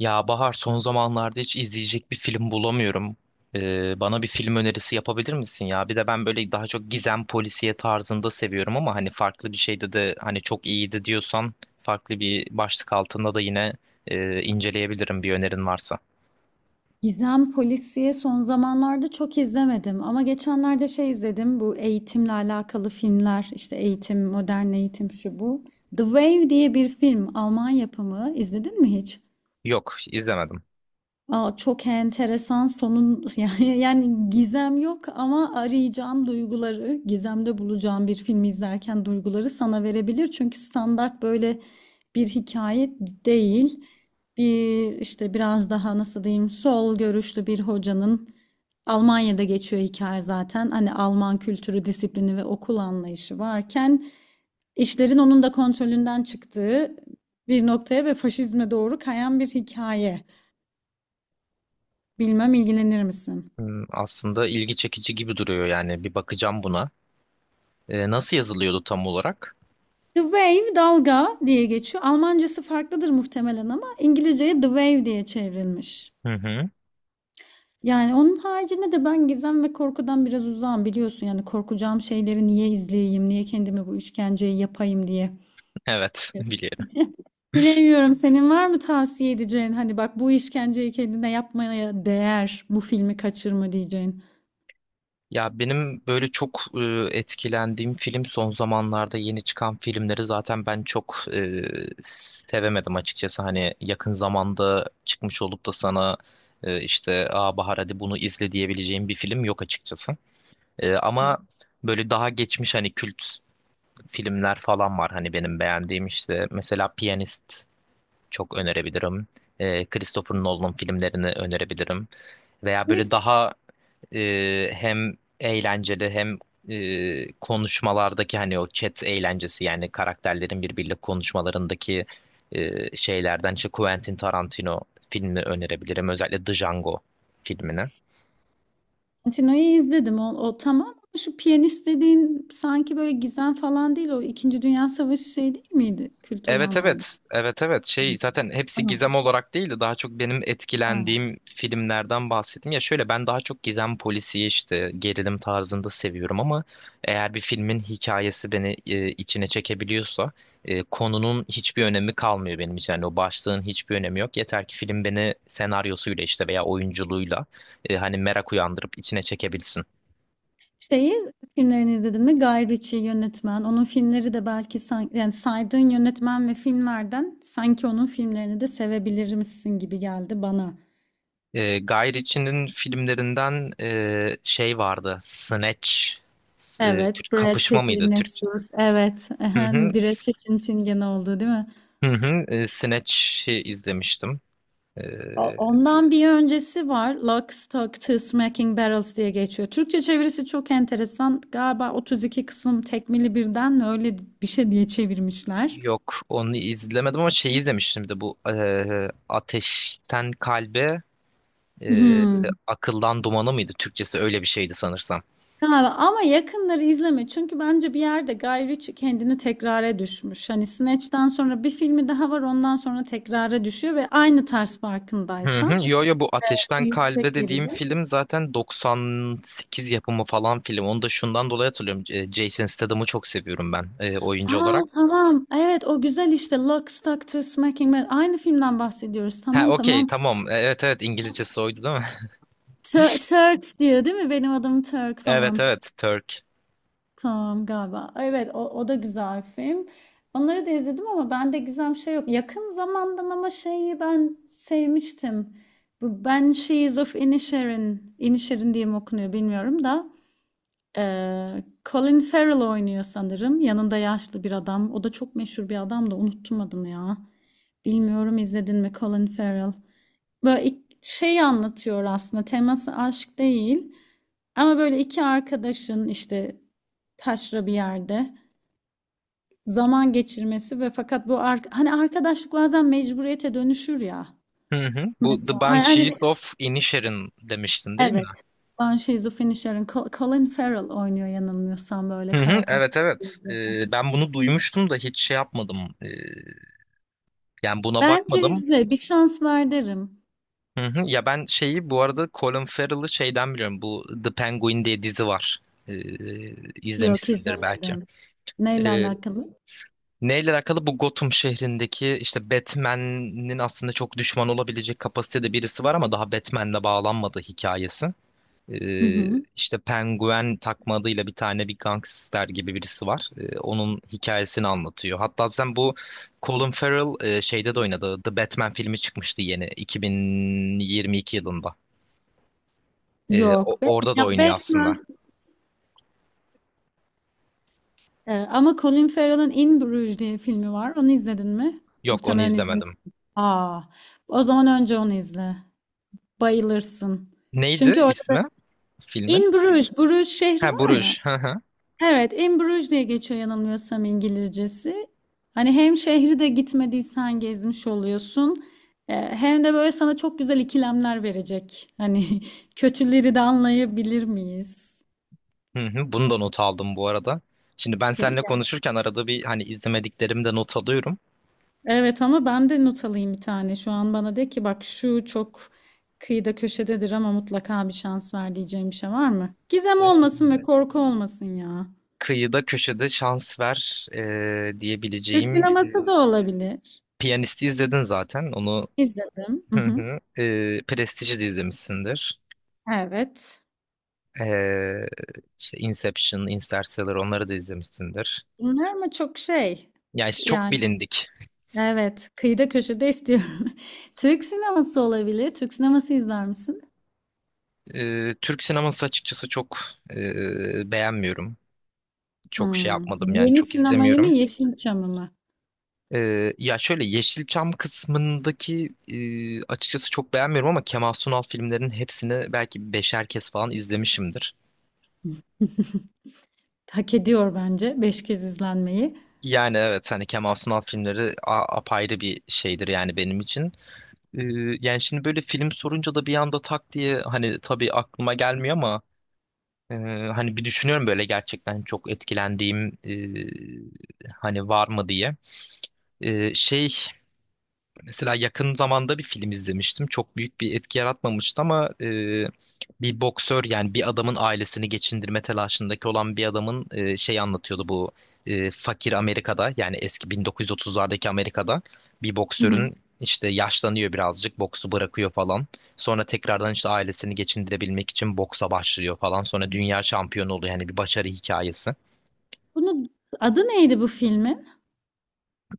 Ya Bahar son zamanlarda hiç izleyecek bir film bulamıyorum. Bana bir film önerisi yapabilir misin ya? Bir de ben böyle daha çok gizem polisiye tarzında seviyorum ama hani farklı bir şeyde de hani çok iyiydi diyorsan farklı bir başlık altında da yine inceleyebilirim bir önerin varsa. Gizem Polisiye son zamanlarda çok izlemedim ama geçenlerde izledim bu eğitimle alakalı filmler, işte eğitim, modern eğitim şu bu. The Wave diye bir film, Alman yapımı, izledin mi hiç? Yok, izlemedim. Aa, çok enteresan sonun. Yani gizem yok ama arayacağım duyguları, gizemde bulacağım bir filmi izlerken duyguları sana verebilir. Çünkü standart böyle bir hikaye değil. Bir işte biraz daha nasıl diyeyim, sol görüşlü bir hocanın Almanya'da geçiyor hikaye zaten. Hani Alman kültürü, disiplini ve okul anlayışı varken işlerin onun da kontrolünden çıktığı bir noktaya ve faşizme doğru kayan bir hikaye. Bilmem ilgilenir misin? Hmm, aslında ilgi çekici gibi duruyor yani bir bakacağım buna. Nasıl yazılıyordu tam olarak? The Wave, dalga diye geçiyor. Almancası farklıdır muhtemelen ama İngilizceye The Wave diye çevrilmiş. Hı hı. Yani onun haricinde de ben gizem ve korkudan biraz uzağım biliyorsun. Yani korkacağım şeyleri niye izleyeyim, niye kendime bu işkenceyi yapayım diye. Evet, biliyorum. Bilemiyorum, senin var mı tavsiye edeceğin hani bak bu işkenceyi kendine yapmaya değer, bu filmi kaçırma diyeceğin. Ya benim böyle çok etkilendiğim film son zamanlarda yeni çıkan filmleri zaten ben çok sevemedim açıkçası. Hani yakın zamanda çıkmış olup da sana işte Aa Bahar hadi bunu izle diyebileceğim bir film yok açıkçası. Ama böyle daha geçmiş hani kült filmler falan var hani benim beğendiğim işte. Mesela Piyanist çok önerebilirim. Christopher Nolan'ın filmlerini önerebilirim. Veya Ne böyle daha hem eğlenceli hem konuşmalardaki hani o chat eğlencesi yani karakterlerin birbiriyle konuşmalarındaki şeylerden işte Quentin Tarantino filmini önerebilirim. Özellikle The Django filmini. Tino'yu izledim. O tamam. Ama şu piyanist dediğin sanki böyle gizem falan değil. O İkinci Dünya Savaşı şey değil miydi? Kült Evet, olanlardan. evet. Evet, evet. Şey zaten hepsi Tamam. gizem olarak değil de daha çok benim Ha. etkilendiğim filmlerden bahsettim. Ya şöyle ben daha çok gizem polisiye işte gerilim tarzında seviyorum ama eğer bir filmin hikayesi beni içine çekebiliyorsa konunun hiçbir önemi kalmıyor benim için. Yani o başlığın hiçbir önemi yok. Yeter ki film beni senaryosuyla işte veya oyunculuğuyla hani merak uyandırıp içine çekebilsin. Şeyi filmlerini izledin mi? Guy Ritchie yönetmen. Onun filmleri de belki yani saydığın yönetmen ve filmlerden sanki onun filmlerini de sevebilir misin gibi geldi bana. Guy Ritchie'nin filmlerinden şey vardı. Snatch. Evet, Türk Brad kapışma Pitt'li mıydı Türk? meşhur. Evet, Hı hı. Brad Pitt'in film gene oldu değil mi? Hı hı. Snatch'i izlemiştim. E, Ondan bir öncesi var. Lock, Stock, Two Smoking Barrels diye geçiyor. Türkçe çevirisi çok enteresan. Galiba 32 kısım tekmili birden mi öyle bir şey diye çevirmişler. yok onu izlemedim ama şeyi izlemiştim bir de bu Ateşten Kalbe e, Hmm. Akıldan Dumanı mıydı? Türkçesi öyle bir şeydi sanırsam. Galiba. Ama yakınları izleme. Çünkü bence bir yerde Guy Ritchie kendini tekrara düşmüş. Hani Snatch'ten sonra bir filmi daha var. Ondan sonra tekrara düşüyor ve aynı tarz Hı hı. farkındaysan. Yo yo bu Bu Ateşten yüksek Kalbe dediğim gerilim. film zaten 98 yapımı falan film. Onu da şundan dolayı hatırlıyorum. Jason Statham'ı çok seviyorum ben oyuncu Aa olarak. tamam. Evet o güzel işte. Lock, Stock, Two Smoking Barrels. Aynı filmden bahsediyoruz. Ha Tamam, okey tamam. tamam. Evet, evet İngilizcesi oydu değil mi? Turk diyor değil mi? Benim adım Turk Evet, falan. evet Turk. Tamam galiba. Evet o da güzel film. Onları da izledim ama bende gizem şey yok. Yakın zamandan ama şeyi ben sevmiştim. Bu Banshees of Inisherin. Inisherin diye mi okunuyor bilmiyorum da. Colin Farrell oynuyor sanırım. Yanında yaşlı bir adam. O da çok meşhur bir adam da unuttum adını ya. Bilmiyorum izledin mi, Colin Farrell? Böyle anlatıyor aslında, teması aşk değil ama böyle iki arkadaşın işte taşra bir yerde zaman geçirmesi ve fakat hani arkadaşlık bazen mecburiyete dönüşür ya Hı hı. Bu mesela The Banshees of Inisherin demiştin değil mi? evet ben şizofreni Colin Farrell oynuyor yanılmıyorsam, böyle Hı hı. kara kaşlı. Evet, evet. Ben bunu duymuştum da hiç şey yapmadım. E, yani buna Bence bakmadım. izle, bir şans ver derim. Hı hı. Ya ben şeyi bu arada Colin Farrell'ı şeyden biliyorum. Bu The Penguin diye dizi var. Ee, Yok, izlemişsindir belki. izlemedim, neyle Ee, alakalı. neyle alakalı? Bu Gotham şehrindeki işte Batman'in aslında çok düşman olabilecek kapasitede birisi var ama daha Batman'le bağlanmadığı hikayesi. Hı Ee, hı. işte Penguin takma adıyla bir tane bir gangster gibi birisi var. Onun hikayesini anlatıyor. Hatta zaten bu Colin Farrell şeyde de oynadı. The Batman filmi çıkmıştı yeni 2022 yılında. Yok be, Orada da ya oynuyor Batman. aslında. Ama Colin Farrell'ın In Bruges diye filmi var. Onu izledin mi? Yok onu Muhtemelen izlemedim. izlemişsin. Aa, o zaman önce onu izle. Bayılırsın. Neydi Çünkü orada da ismi filmin? In Bruges, Bruges şehri Ha var ya. Bruges. Hı hı. Evet, In Bruges diye geçiyor yanılmıyorsam İngilizcesi. Hani hem şehri de gitmediysen gezmiş oluyorsun. Hem de böyle sana çok güzel ikilemler verecek. Hani kötüleri de anlayabilir miyiz? Hı hı. Bunu da not aldım bu arada. Şimdi ben seninle konuşurken arada bir hani izlemediklerimi de not alıyorum. Evet ama ben de not alayım bir tane. Şu an bana de ki bak şu çok kıyıda köşededir ama mutlaka bir şans ver diyeceğim bir şey var mı? Gizem Ee, olmasın ve korku olmasın ya. Kıyıda köşede şans ver Türk diyebileceğim sineması da olabilir. Piyanist'i izledin zaten. Onu İzledim. Hı hı hı. hı. Prestige'i de izlemişsindir. Evet. E, işte Inception, Interstellar onları da izlemişsindir. Bunlar mı çok şey? Yani işte çok Yani bilindik. evet, kıyıda köşede istiyorum. Türk sineması olabilir. Türk sineması izler misin? Türk sineması açıkçası çok beğenmiyorum. Çok şey Hmm. yapmadım yani Yeni çok sinemayı mı izlemiyorum. Yeşilçam'ı mı? Ya şöyle Yeşilçam kısmındaki açıkçası çok beğenmiyorum ama Kemal Sunal filmlerinin hepsini belki beşer kez falan izlemişimdir. Hak ediyor bence. Beş kez izlenmeyi. Yani evet hani Kemal Sunal filmleri apayrı bir şeydir yani benim için. Ee, yani şimdi böyle film sorunca da bir anda tak diye hani tabii aklıma gelmiyor ama e, hani bir düşünüyorum böyle gerçekten çok etkilendiğim hani var mı diye. Şey mesela yakın zamanda bir film izlemiştim. Çok büyük bir etki yaratmamıştı ama bir boksör yani bir adamın ailesini geçindirme telaşındaki olan bir adamın şey anlatıyordu bu fakir Amerika'da yani eski 1930'lardaki Amerika'da bir boksörün işte yaşlanıyor birazcık boksu bırakıyor falan. Sonra tekrardan işte ailesini geçindirebilmek için boksa başlıyor falan. Sonra dünya şampiyonu oluyor yani bir başarı hikayesi. Bunun adı neydi, bu filmin?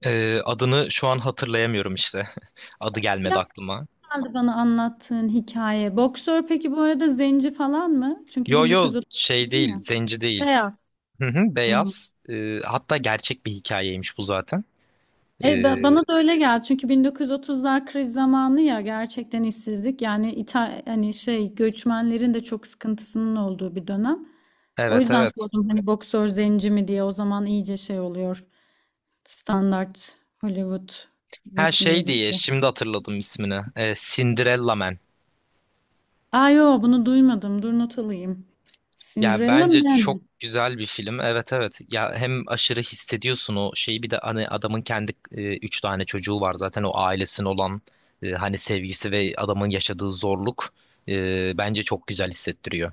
Adını şu an hatırlayamıyorum işte. Adı gelmedi Biraz aklıma. kaldı bana anlattığın hikaye. Boksör peki bu arada zenci falan mı? Çünkü Yo yo şey 1930 değil, ya. zenci değil. Beyaz. Hı hı, Hı hı. beyaz. Hatta gerçek bir hikayeymiş bu zaten. E, Ee, bana da öyle geldi. Çünkü 1930'lar kriz zamanı ya, gerçekten işsizlik. Yani İta hani şey göçmenlerin de çok sıkıntısının olduğu bir dönem. O evet, yüzden evet. sordum hani boksör zenci mi diye. O zaman iyice şey oluyor. Standart Hollywood Her şey rutinleri. diye şimdi hatırladım ismini. Cinderella Man. Aa yo, bunu duymadım. Dur, not alayım. Yani Cinderella bence çok Man. güzel bir film. Evet, evet. Ya hem aşırı hissediyorsun o şeyi bir de hani adamın kendi üç tane çocuğu var zaten o ailesinin olan hani sevgisi ve adamın yaşadığı zorluk bence çok güzel hissettiriyor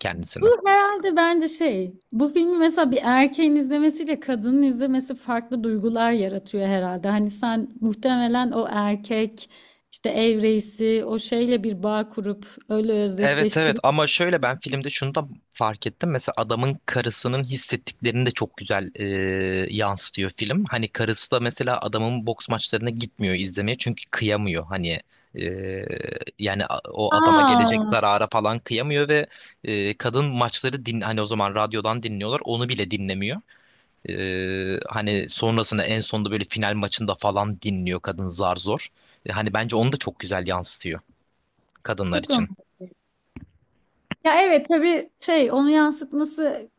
kendisini. Bu herhalde bence şey. Bu filmi mesela bir erkeğin izlemesiyle kadının izlemesi farklı duygular yaratıyor herhalde. Hani sen muhtemelen o erkek işte ev reisi, o şeyle bir bağ kurup öyle Evet, evet özdeşleştirip. ama şöyle ben filmde şunu da fark ettim. Mesela adamın karısının hissettiklerini de çok güzel yansıtıyor film. Hani karısı da mesela adamın boks maçlarına gitmiyor izlemeye çünkü kıyamıyor. Hani e, yani o adama gelecek Aa zarara falan kıyamıyor ve kadın maçları din hani o zaman radyodan dinliyorlar onu bile dinlemiyor. Hani sonrasında en sonunda böyle final maçında falan dinliyor kadın zar zor. Hani bence onu da çok güzel yansıtıyor kadınlar çok için. romantik. Ya evet, tabii şey onu yansıtması.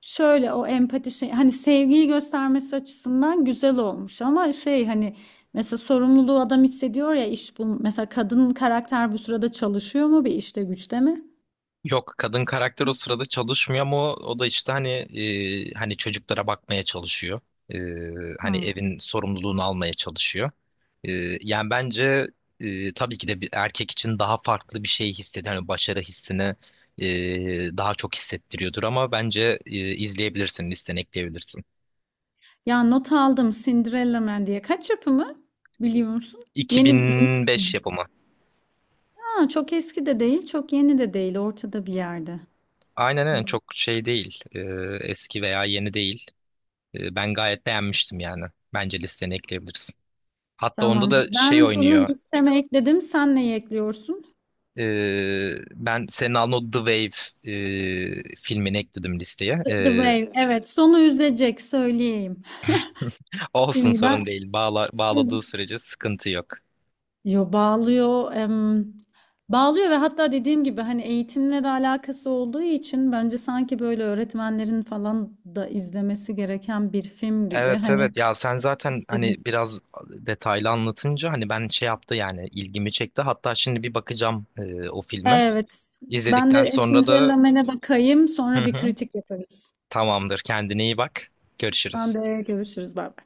Şöyle o empati şey, hani sevgiyi göstermesi açısından güzel olmuş ama şey hani mesela sorumluluğu adam hissediyor ya, iş bu mesela kadın karakter bu sırada çalışıyor mu bir işte güçte mi? Yok kadın karakter o sırada çalışmıyor ama o da işte hani hani çocuklara bakmaya çalışıyor. E, hani Ha. evin sorumluluğunu almaya çalışıyor. E, yani bence tabii ki de bir erkek için daha farklı bir şey hissediyor. Hani başarı hissini daha çok hissettiriyordur ama bence izleyebilirsin, listene ekleyebilirsin. Ya not aldım, Cinderella Man diye, kaç yapımı biliyor musun? Yeni yeni. 2005 yapımı. Ha, çok eski de değil çok yeni de değil, ortada bir yerde. Aynen, aynen Hmm. çok şey değil. Eski veya yeni değil. Ben gayet beğenmiştim yani. Bence listene ekleyebilirsin. Hatta onda Tamam. da şey Ben bunu oynuyor. listeme ekledim. Sen neyi ekliyorsun? Ben senin aldığın o The Wave filmini ekledim listeye. The Wave. Evet, sonu üzecek söyleyeyim. Olsun Şimdiden. sorun değil. Bağladığı sürece sıkıntı yok. Yo bağlıyor, bağlıyor ve hatta dediğim gibi hani eğitimle de alakası olduğu için bence sanki böyle öğretmenlerin falan da izlemesi gereken bir film gibi. Evet, Hani evet ya sen zaten işte- hani biraz detaylı anlatınca hani ben şey yaptı yani ilgimi çekti. Hatta şimdi bir bakacağım o filme. evet ben İzledikten de sonra da Cinderella Man'e bakayım, hı sonra bir hı, kritik yaparız. tamamdır kendine iyi bak. Sen Görüşürüz. de, görüşürüz, bay bay.